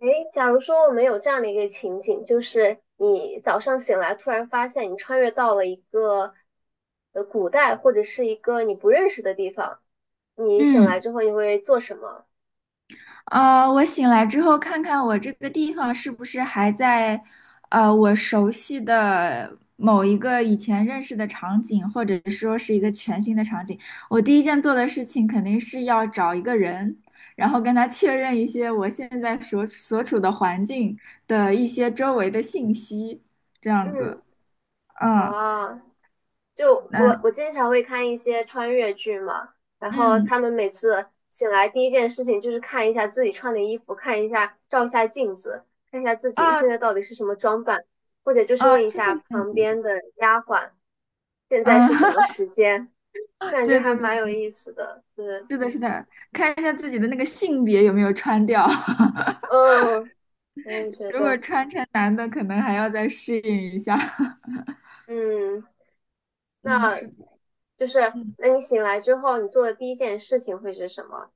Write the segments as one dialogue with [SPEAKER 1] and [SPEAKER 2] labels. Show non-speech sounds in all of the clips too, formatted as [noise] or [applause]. [SPEAKER 1] 诶，假如说我们有这样的一个情景，就是你早上醒来，突然发现你穿越到了一个古代或者是一个你不认识的地方，你醒
[SPEAKER 2] 嗯，
[SPEAKER 1] 来之后你会做什么？
[SPEAKER 2] 我醒来之后看看我这个地方是不是还在，我熟悉的某一个以前认识的场景，或者说是一个全新的场景。我第一件做的事情肯定是要找一个人，然后跟他确认一些我现在所处的环境的一些周围的信息，这样子。
[SPEAKER 1] 嗯，
[SPEAKER 2] 嗯，
[SPEAKER 1] 啊，就
[SPEAKER 2] 那，
[SPEAKER 1] 我经常会看一些穿越剧嘛，然后
[SPEAKER 2] 嗯
[SPEAKER 1] 他们每次醒来第一件事情就是看一下自己穿的衣服，看一下照一下镜子，看一下自己
[SPEAKER 2] 啊
[SPEAKER 1] 现在到底是什么装扮，或者就是
[SPEAKER 2] 啊，
[SPEAKER 1] 问一
[SPEAKER 2] 这个
[SPEAKER 1] 下旁边的丫鬟现在
[SPEAKER 2] 嗯，
[SPEAKER 1] 是什么
[SPEAKER 2] [laughs]
[SPEAKER 1] 时间。我感觉
[SPEAKER 2] 对对
[SPEAKER 1] 还
[SPEAKER 2] 对，
[SPEAKER 1] 蛮有意思的，是，
[SPEAKER 2] 是的，是的，看一下自己的那个性别有没有穿掉。[laughs]
[SPEAKER 1] 嗯，我也觉
[SPEAKER 2] 如果
[SPEAKER 1] 得，
[SPEAKER 2] 穿男的，可能还要再适应一下。[laughs]
[SPEAKER 1] 嗯，
[SPEAKER 2] 嗯，
[SPEAKER 1] 那
[SPEAKER 2] 是的。
[SPEAKER 1] 就是，
[SPEAKER 2] 嗯，
[SPEAKER 1] 那你醒来之后，你做的第一件事情会是什么？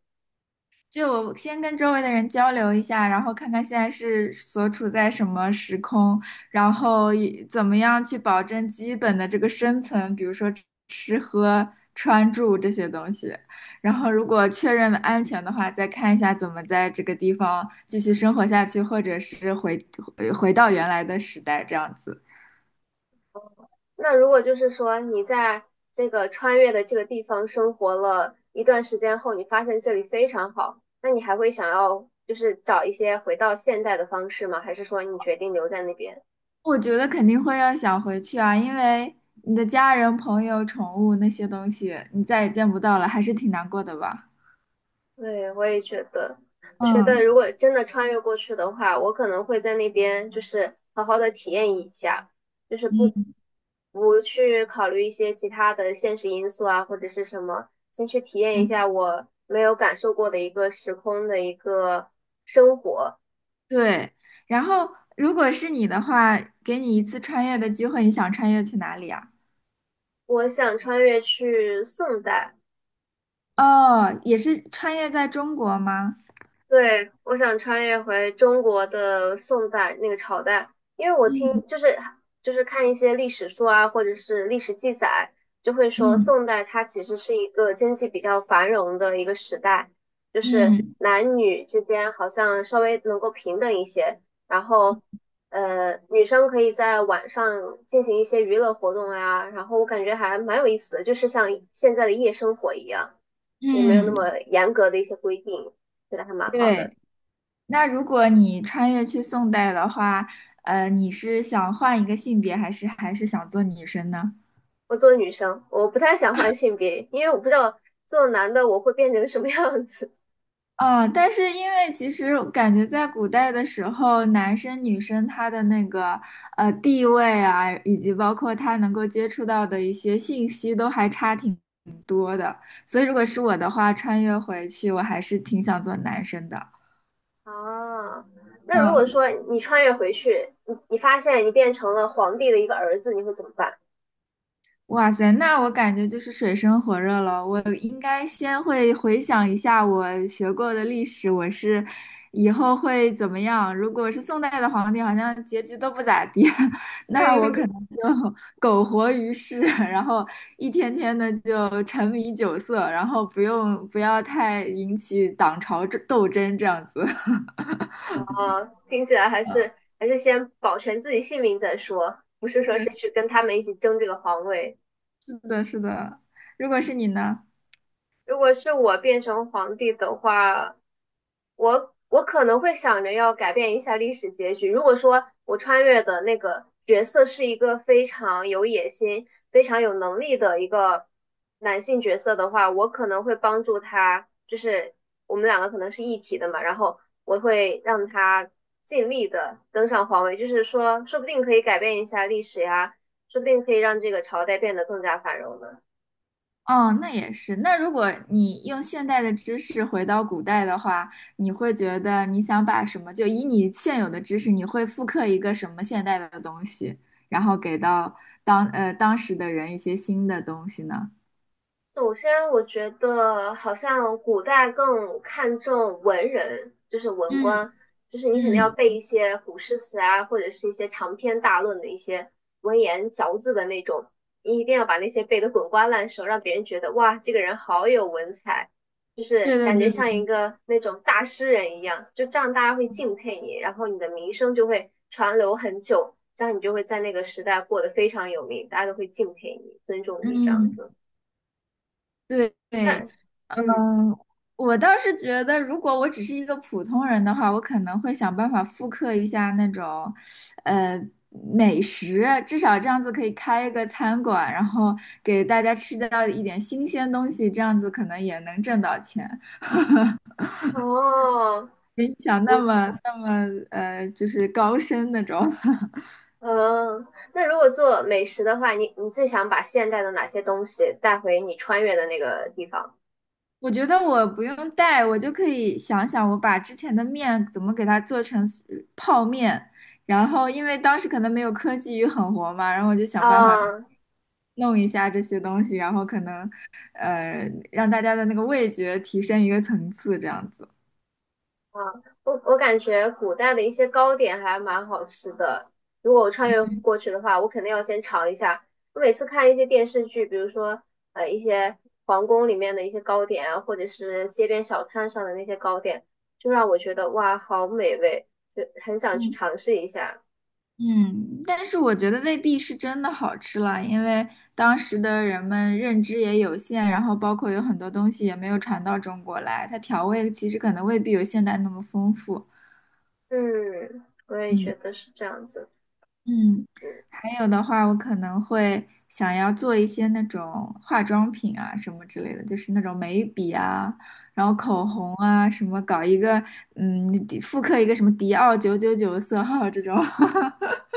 [SPEAKER 2] 就我先跟周围的人交流一下，然后看看现在是所处在什么时空，然后以怎么样去保证基本的这个生存，比如说吃喝穿住这些东西。然后如果确认了安全的话，再看一下怎么在这个地方继续生活下去，或者是回回到原来的时代这样子。
[SPEAKER 1] 那如果就是说你在这个穿越的这个地方生活了一段时间后，你发现这里非常好，那你还会想要就是找一些回到现代的方式吗？还是说你决定留在那边？
[SPEAKER 2] 我觉得肯定会要想回去啊，因为你的家人、朋友、宠物那些东西，你再也见不到了，还是挺难过的吧？
[SPEAKER 1] 对，我也觉得，我觉得
[SPEAKER 2] 嗯
[SPEAKER 1] 如果真的穿越过去的话，我可能会在那边就是好好的体验一下，就是不
[SPEAKER 2] 嗯
[SPEAKER 1] 不去考虑一些其他的现实因素啊，或者是什么，先去体验一
[SPEAKER 2] 嗯，
[SPEAKER 1] 下我没有感受过的一个时空的一个生活。
[SPEAKER 2] 对。然后，如果是你的话，给你一次穿越的机会，你想穿越去哪里啊？
[SPEAKER 1] 我想穿越去宋代。
[SPEAKER 2] 哦，也是穿越在中国吗？
[SPEAKER 1] 对，我想穿越回中国的宋代那个朝代，因为我
[SPEAKER 2] 嗯
[SPEAKER 1] 听就是看一些历史书啊，或者是历史记载，就会说
[SPEAKER 2] 嗯
[SPEAKER 1] 宋代它其实是一个经济比较繁荣的一个时代，就是
[SPEAKER 2] 嗯
[SPEAKER 1] 男女之间好像稍微能够平等一些，然后女生可以在晚上进行一些娱乐活动啊，然后我感觉还蛮有意思的，就是像现在的夜生活一样，也没有那
[SPEAKER 2] 嗯，
[SPEAKER 1] 么严格的一些规定。觉得还蛮好的。
[SPEAKER 2] 对。那如果你穿越去宋代的话，你是想换一个性别，还是想做女生呢？
[SPEAKER 1] 我作为女生，我不太想换性别，因为我不知道做男的我会变成什么样子。
[SPEAKER 2] 嗯，但是因为其实感觉在古代的时候，男生女生他的那个地位啊，以及包括他能够接触到的一些信息，都还差挺多的。所以如果是我的话，穿越回去，我还是挺想做男生的。
[SPEAKER 1] [laughs] 啊，那如果
[SPEAKER 2] 嗯。
[SPEAKER 1] 说你穿越回去，你发现你变成了皇帝的一个儿子，你会怎么办？
[SPEAKER 2] 哇塞，那我感觉就是水深火热了。我应该先会回想一下我学过的历史，我是以后会怎么样？如果是宋代的皇帝，好像结局都不咋地，[laughs]
[SPEAKER 1] [laughs]
[SPEAKER 2] 那我可
[SPEAKER 1] 嗯，
[SPEAKER 2] 能就 [laughs] 苟活于世，然后一天天的就沉迷酒色，然后不要太引起党朝这斗争这样子。[laughs]
[SPEAKER 1] 啊，听起来还是还是先保全自己性命再说，不是
[SPEAKER 2] 是
[SPEAKER 1] 说
[SPEAKER 2] 的，
[SPEAKER 1] 是去跟他们一起争这个皇位。
[SPEAKER 2] 是的，是的。如果是你呢？
[SPEAKER 1] 如果是我变成皇帝的话，我可能会想着要改变一下历史结局。如果说我穿越的那个角色是一个非常有野心、非常有能力的一个男性角色的话，我可能会帮助他，就是我们两个可能是一体的嘛，然后我会让他尽力的登上皇位，就是说，说不定可以改变一下历史呀，说不定可以让这个朝代变得更加繁荣呢。
[SPEAKER 2] 哦，那也是。那如果你用现代的知识回到古代的话，你会觉得你想把什么，就以你现有的知识，你会复刻一个什么现代的东西，然后给到当时的人一些新的东西呢？
[SPEAKER 1] 首先，我觉得好像古代更看重文人，就是文
[SPEAKER 2] 嗯
[SPEAKER 1] 官，就是你肯定要
[SPEAKER 2] 嗯
[SPEAKER 1] 背一些古诗词啊，或者是一些长篇大论的一些文言嚼字的那种，你一定要把那些背得滚瓜烂熟，让别人觉得哇，这个人好有文采，就是
[SPEAKER 2] 对对
[SPEAKER 1] 感觉
[SPEAKER 2] 对对
[SPEAKER 1] 像一
[SPEAKER 2] 对。
[SPEAKER 1] 个那种大诗人一样，就这样大家会敬佩你，然后你的名声就会传流很久，这样你就会在那个时代过得非常有名，大家都会敬佩你、尊重你这样
[SPEAKER 2] 嗯。
[SPEAKER 1] 子。
[SPEAKER 2] 对对。
[SPEAKER 1] 那
[SPEAKER 2] 嗯，
[SPEAKER 1] 嗯
[SPEAKER 2] 我倒是觉得，如果我只是一个普通人的话，我可能会想办法复刻一下那种，呃，美食，至少这样子可以开一个餐馆，然后给大家吃到一点新鲜东西，这样子可能也能挣到钱。
[SPEAKER 1] 哦，
[SPEAKER 2] 没你想那
[SPEAKER 1] 我
[SPEAKER 2] 么就是高深那种。
[SPEAKER 1] 嗯，那如果做美食的话，你你最想把现代的哪些东西带回你穿越的那个地方？
[SPEAKER 2] 我觉得我不用带，我就可以想想我把之前的面怎么给它做成泡面，然后因为当时可能没有科技与狠活嘛，然后我就想办法
[SPEAKER 1] 啊
[SPEAKER 2] 弄一下这些东西，然后可能让大家的那个味觉提升一个层次，这样子。
[SPEAKER 1] 啊，我感觉古代的一些糕点还蛮好吃的。如果我穿越过去的话，我肯定要先尝一下。我每次看一些电视剧，比如说一些皇宫里面的一些糕点啊，或者是街边小摊上的那些糕点，就让我觉得哇，好美味，就很想去
[SPEAKER 2] 嗯
[SPEAKER 1] 尝试一下。
[SPEAKER 2] 嗯，但是我觉得未必是真的好吃了，因为当时的人们认知也有限，然后包括有很多东西也没有传到中国来，它调味其实可能未必有现代那么丰富。
[SPEAKER 1] 嗯，我也
[SPEAKER 2] 嗯
[SPEAKER 1] 觉得是这样子。
[SPEAKER 2] 嗯，
[SPEAKER 1] 嗯，
[SPEAKER 2] 还有的话，我可能会想要做一些那种化妆品啊什么之类的，就是那种眉笔啊，然后口红啊，什么搞一个嗯，复刻一个什么迪奥999色号这种。[laughs]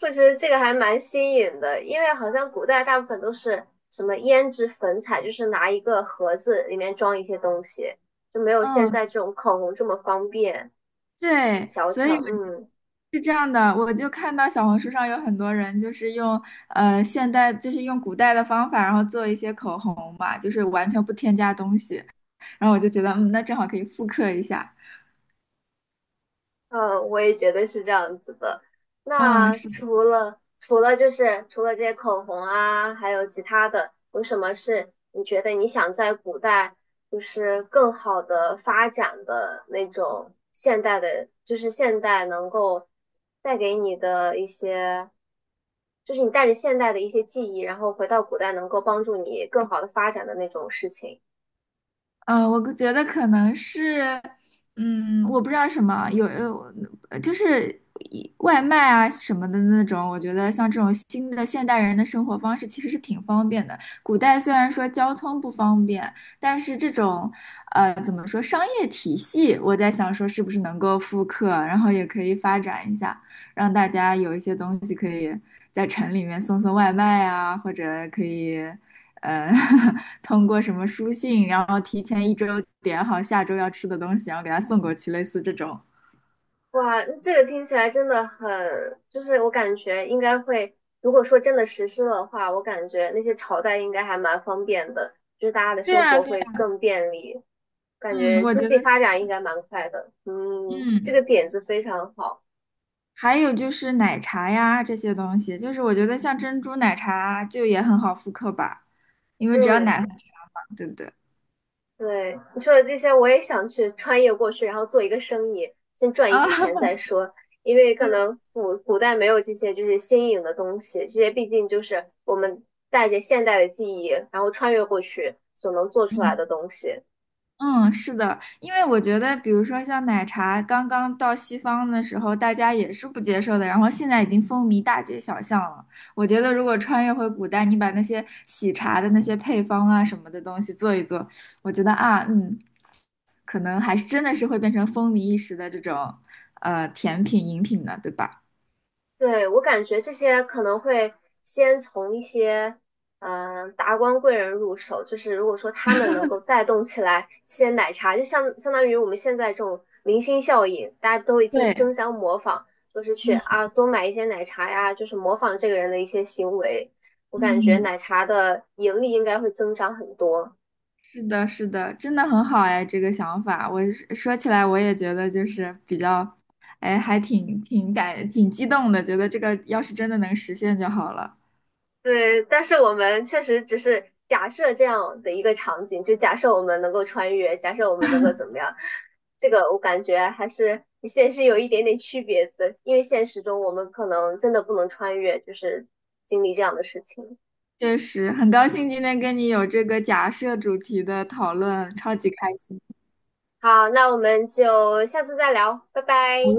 [SPEAKER 1] 我觉得这个还蛮新颖的，因为好像古代大部分都是什么胭脂粉彩，就是拿一个盒子里面装一些东西，就没有现在
[SPEAKER 2] 嗯，
[SPEAKER 1] 这种口红这么方便
[SPEAKER 2] 对，
[SPEAKER 1] 小
[SPEAKER 2] 所以
[SPEAKER 1] 巧。
[SPEAKER 2] 我
[SPEAKER 1] 嗯。
[SPEAKER 2] 是这样的，我就看到小红书上有很多人就是用现代，就是用古代的方法，然后做一些口红嘛，就是完全不添加东西，然后我就觉得，嗯，那正好可以复刻一下。
[SPEAKER 1] 嗯，我也觉得是这样子的。
[SPEAKER 2] 嗯，
[SPEAKER 1] 那
[SPEAKER 2] 是
[SPEAKER 1] 除了这些口红啊，还有其他的，有什么是你觉得你想在古代就是更好的发展的那种现代的，就是现代能够带给你的一些，就是你带着现代的一些记忆，然后回到古代能够帮助你更好的发展的那种事情？
[SPEAKER 2] 嗯，我觉得可能是，嗯，我不知道什么，有，就是外卖啊什么的那种，我觉得像这种新的现代人的生活方式其实是挺方便的。古代虽然说交通不方便，但是这种，怎么说商业体系，我在想说是不是能够复刻，然后也可以发展一下，让大家有一些东西可以在城里面送外卖啊，或者可以。呃，[laughs] 通过什么书信，然后提前一周点好下周要吃的东西，然后给他送过去，类似这种。
[SPEAKER 1] 哇，这个听起来真的很，就是我感觉应该会，如果说真的实施的话，我感觉那些朝代应该还蛮方便的，就是大家的
[SPEAKER 2] 对
[SPEAKER 1] 生
[SPEAKER 2] 啊，
[SPEAKER 1] 活
[SPEAKER 2] 对
[SPEAKER 1] 会
[SPEAKER 2] 啊，
[SPEAKER 1] 更便利，感
[SPEAKER 2] 嗯，
[SPEAKER 1] 觉
[SPEAKER 2] 我
[SPEAKER 1] 经
[SPEAKER 2] 觉
[SPEAKER 1] 济
[SPEAKER 2] 得
[SPEAKER 1] 发
[SPEAKER 2] 是，
[SPEAKER 1] 展应该蛮快的。嗯，这
[SPEAKER 2] 嗯，
[SPEAKER 1] 个点子非常好。
[SPEAKER 2] 还有就是奶茶呀这些东西，就是我觉得像珍珠奶茶就也很好复刻吧，因为只要
[SPEAKER 1] 嗯，
[SPEAKER 2] 奶和茶嘛，对不对？
[SPEAKER 1] 对，你说的这些，我也想去穿越过去，然后做一个生意，先赚一
[SPEAKER 2] 啊，
[SPEAKER 1] 笔钱再
[SPEAKER 2] [laughs]
[SPEAKER 1] 说。因为可
[SPEAKER 2] 对，
[SPEAKER 1] 能古代没有这些就是新颖的东西，这些毕竟就是我们带着现代的记忆，然后穿越过去所能做出来
[SPEAKER 2] 嗯
[SPEAKER 1] 的东西。
[SPEAKER 2] 嗯，是的，因为我觉得，比如说像奶茶刚刚到西方的时候，大家也是不接受的，然后现在已经风靡大街小巷了。我觉得，如果穿越回古代，你把那些喜茶的那些配方啊什么的东西做一做，我觉得啊，嗯，可能还是真的是会变成风靡一时的这种甜品饮品的，对吧？
[SPEAKER 1] 对，我感觉这些可能会先从一些达官贵人入手，就是如果说他们能够带动起来些奶茶，就相当于我们现在这种明星效应，大家都已经
[SPEAKER 2] 对，
[SPEAKER 1] 争相模仿，就是去
[SPEAKER 2] 嗯
[SPEAKER 1] 啊多买一些奶茶呀，就是模仿这个人的一些行为。我感觉
[SPEAKER 2] 嗯。
[SPEAKER 1] 奶茶的盈利应该会增长很多。
[SPEAKER 2] 是的，是的，真的很好哎，这个想法，我是说起来我也觉得就是比较，哎，还挺激动的，觉得这个要是真的能实现就好了。
[SPEAKER 1] 对，但是我们确实只是假设这样的一个场景，就假设我们能够穿越，假设我们能够怎么样，这个我感觉还是与现实有一点点区别的，因为现实中我们可能真的不能穿越，就是经历这样的事情。
[SPEAKER 2] 确实，很高兴今天跟你有这个假设主题的讨论，超级开心。
[SPEAKER 1] 好，那我们就下次再聊，拜拜。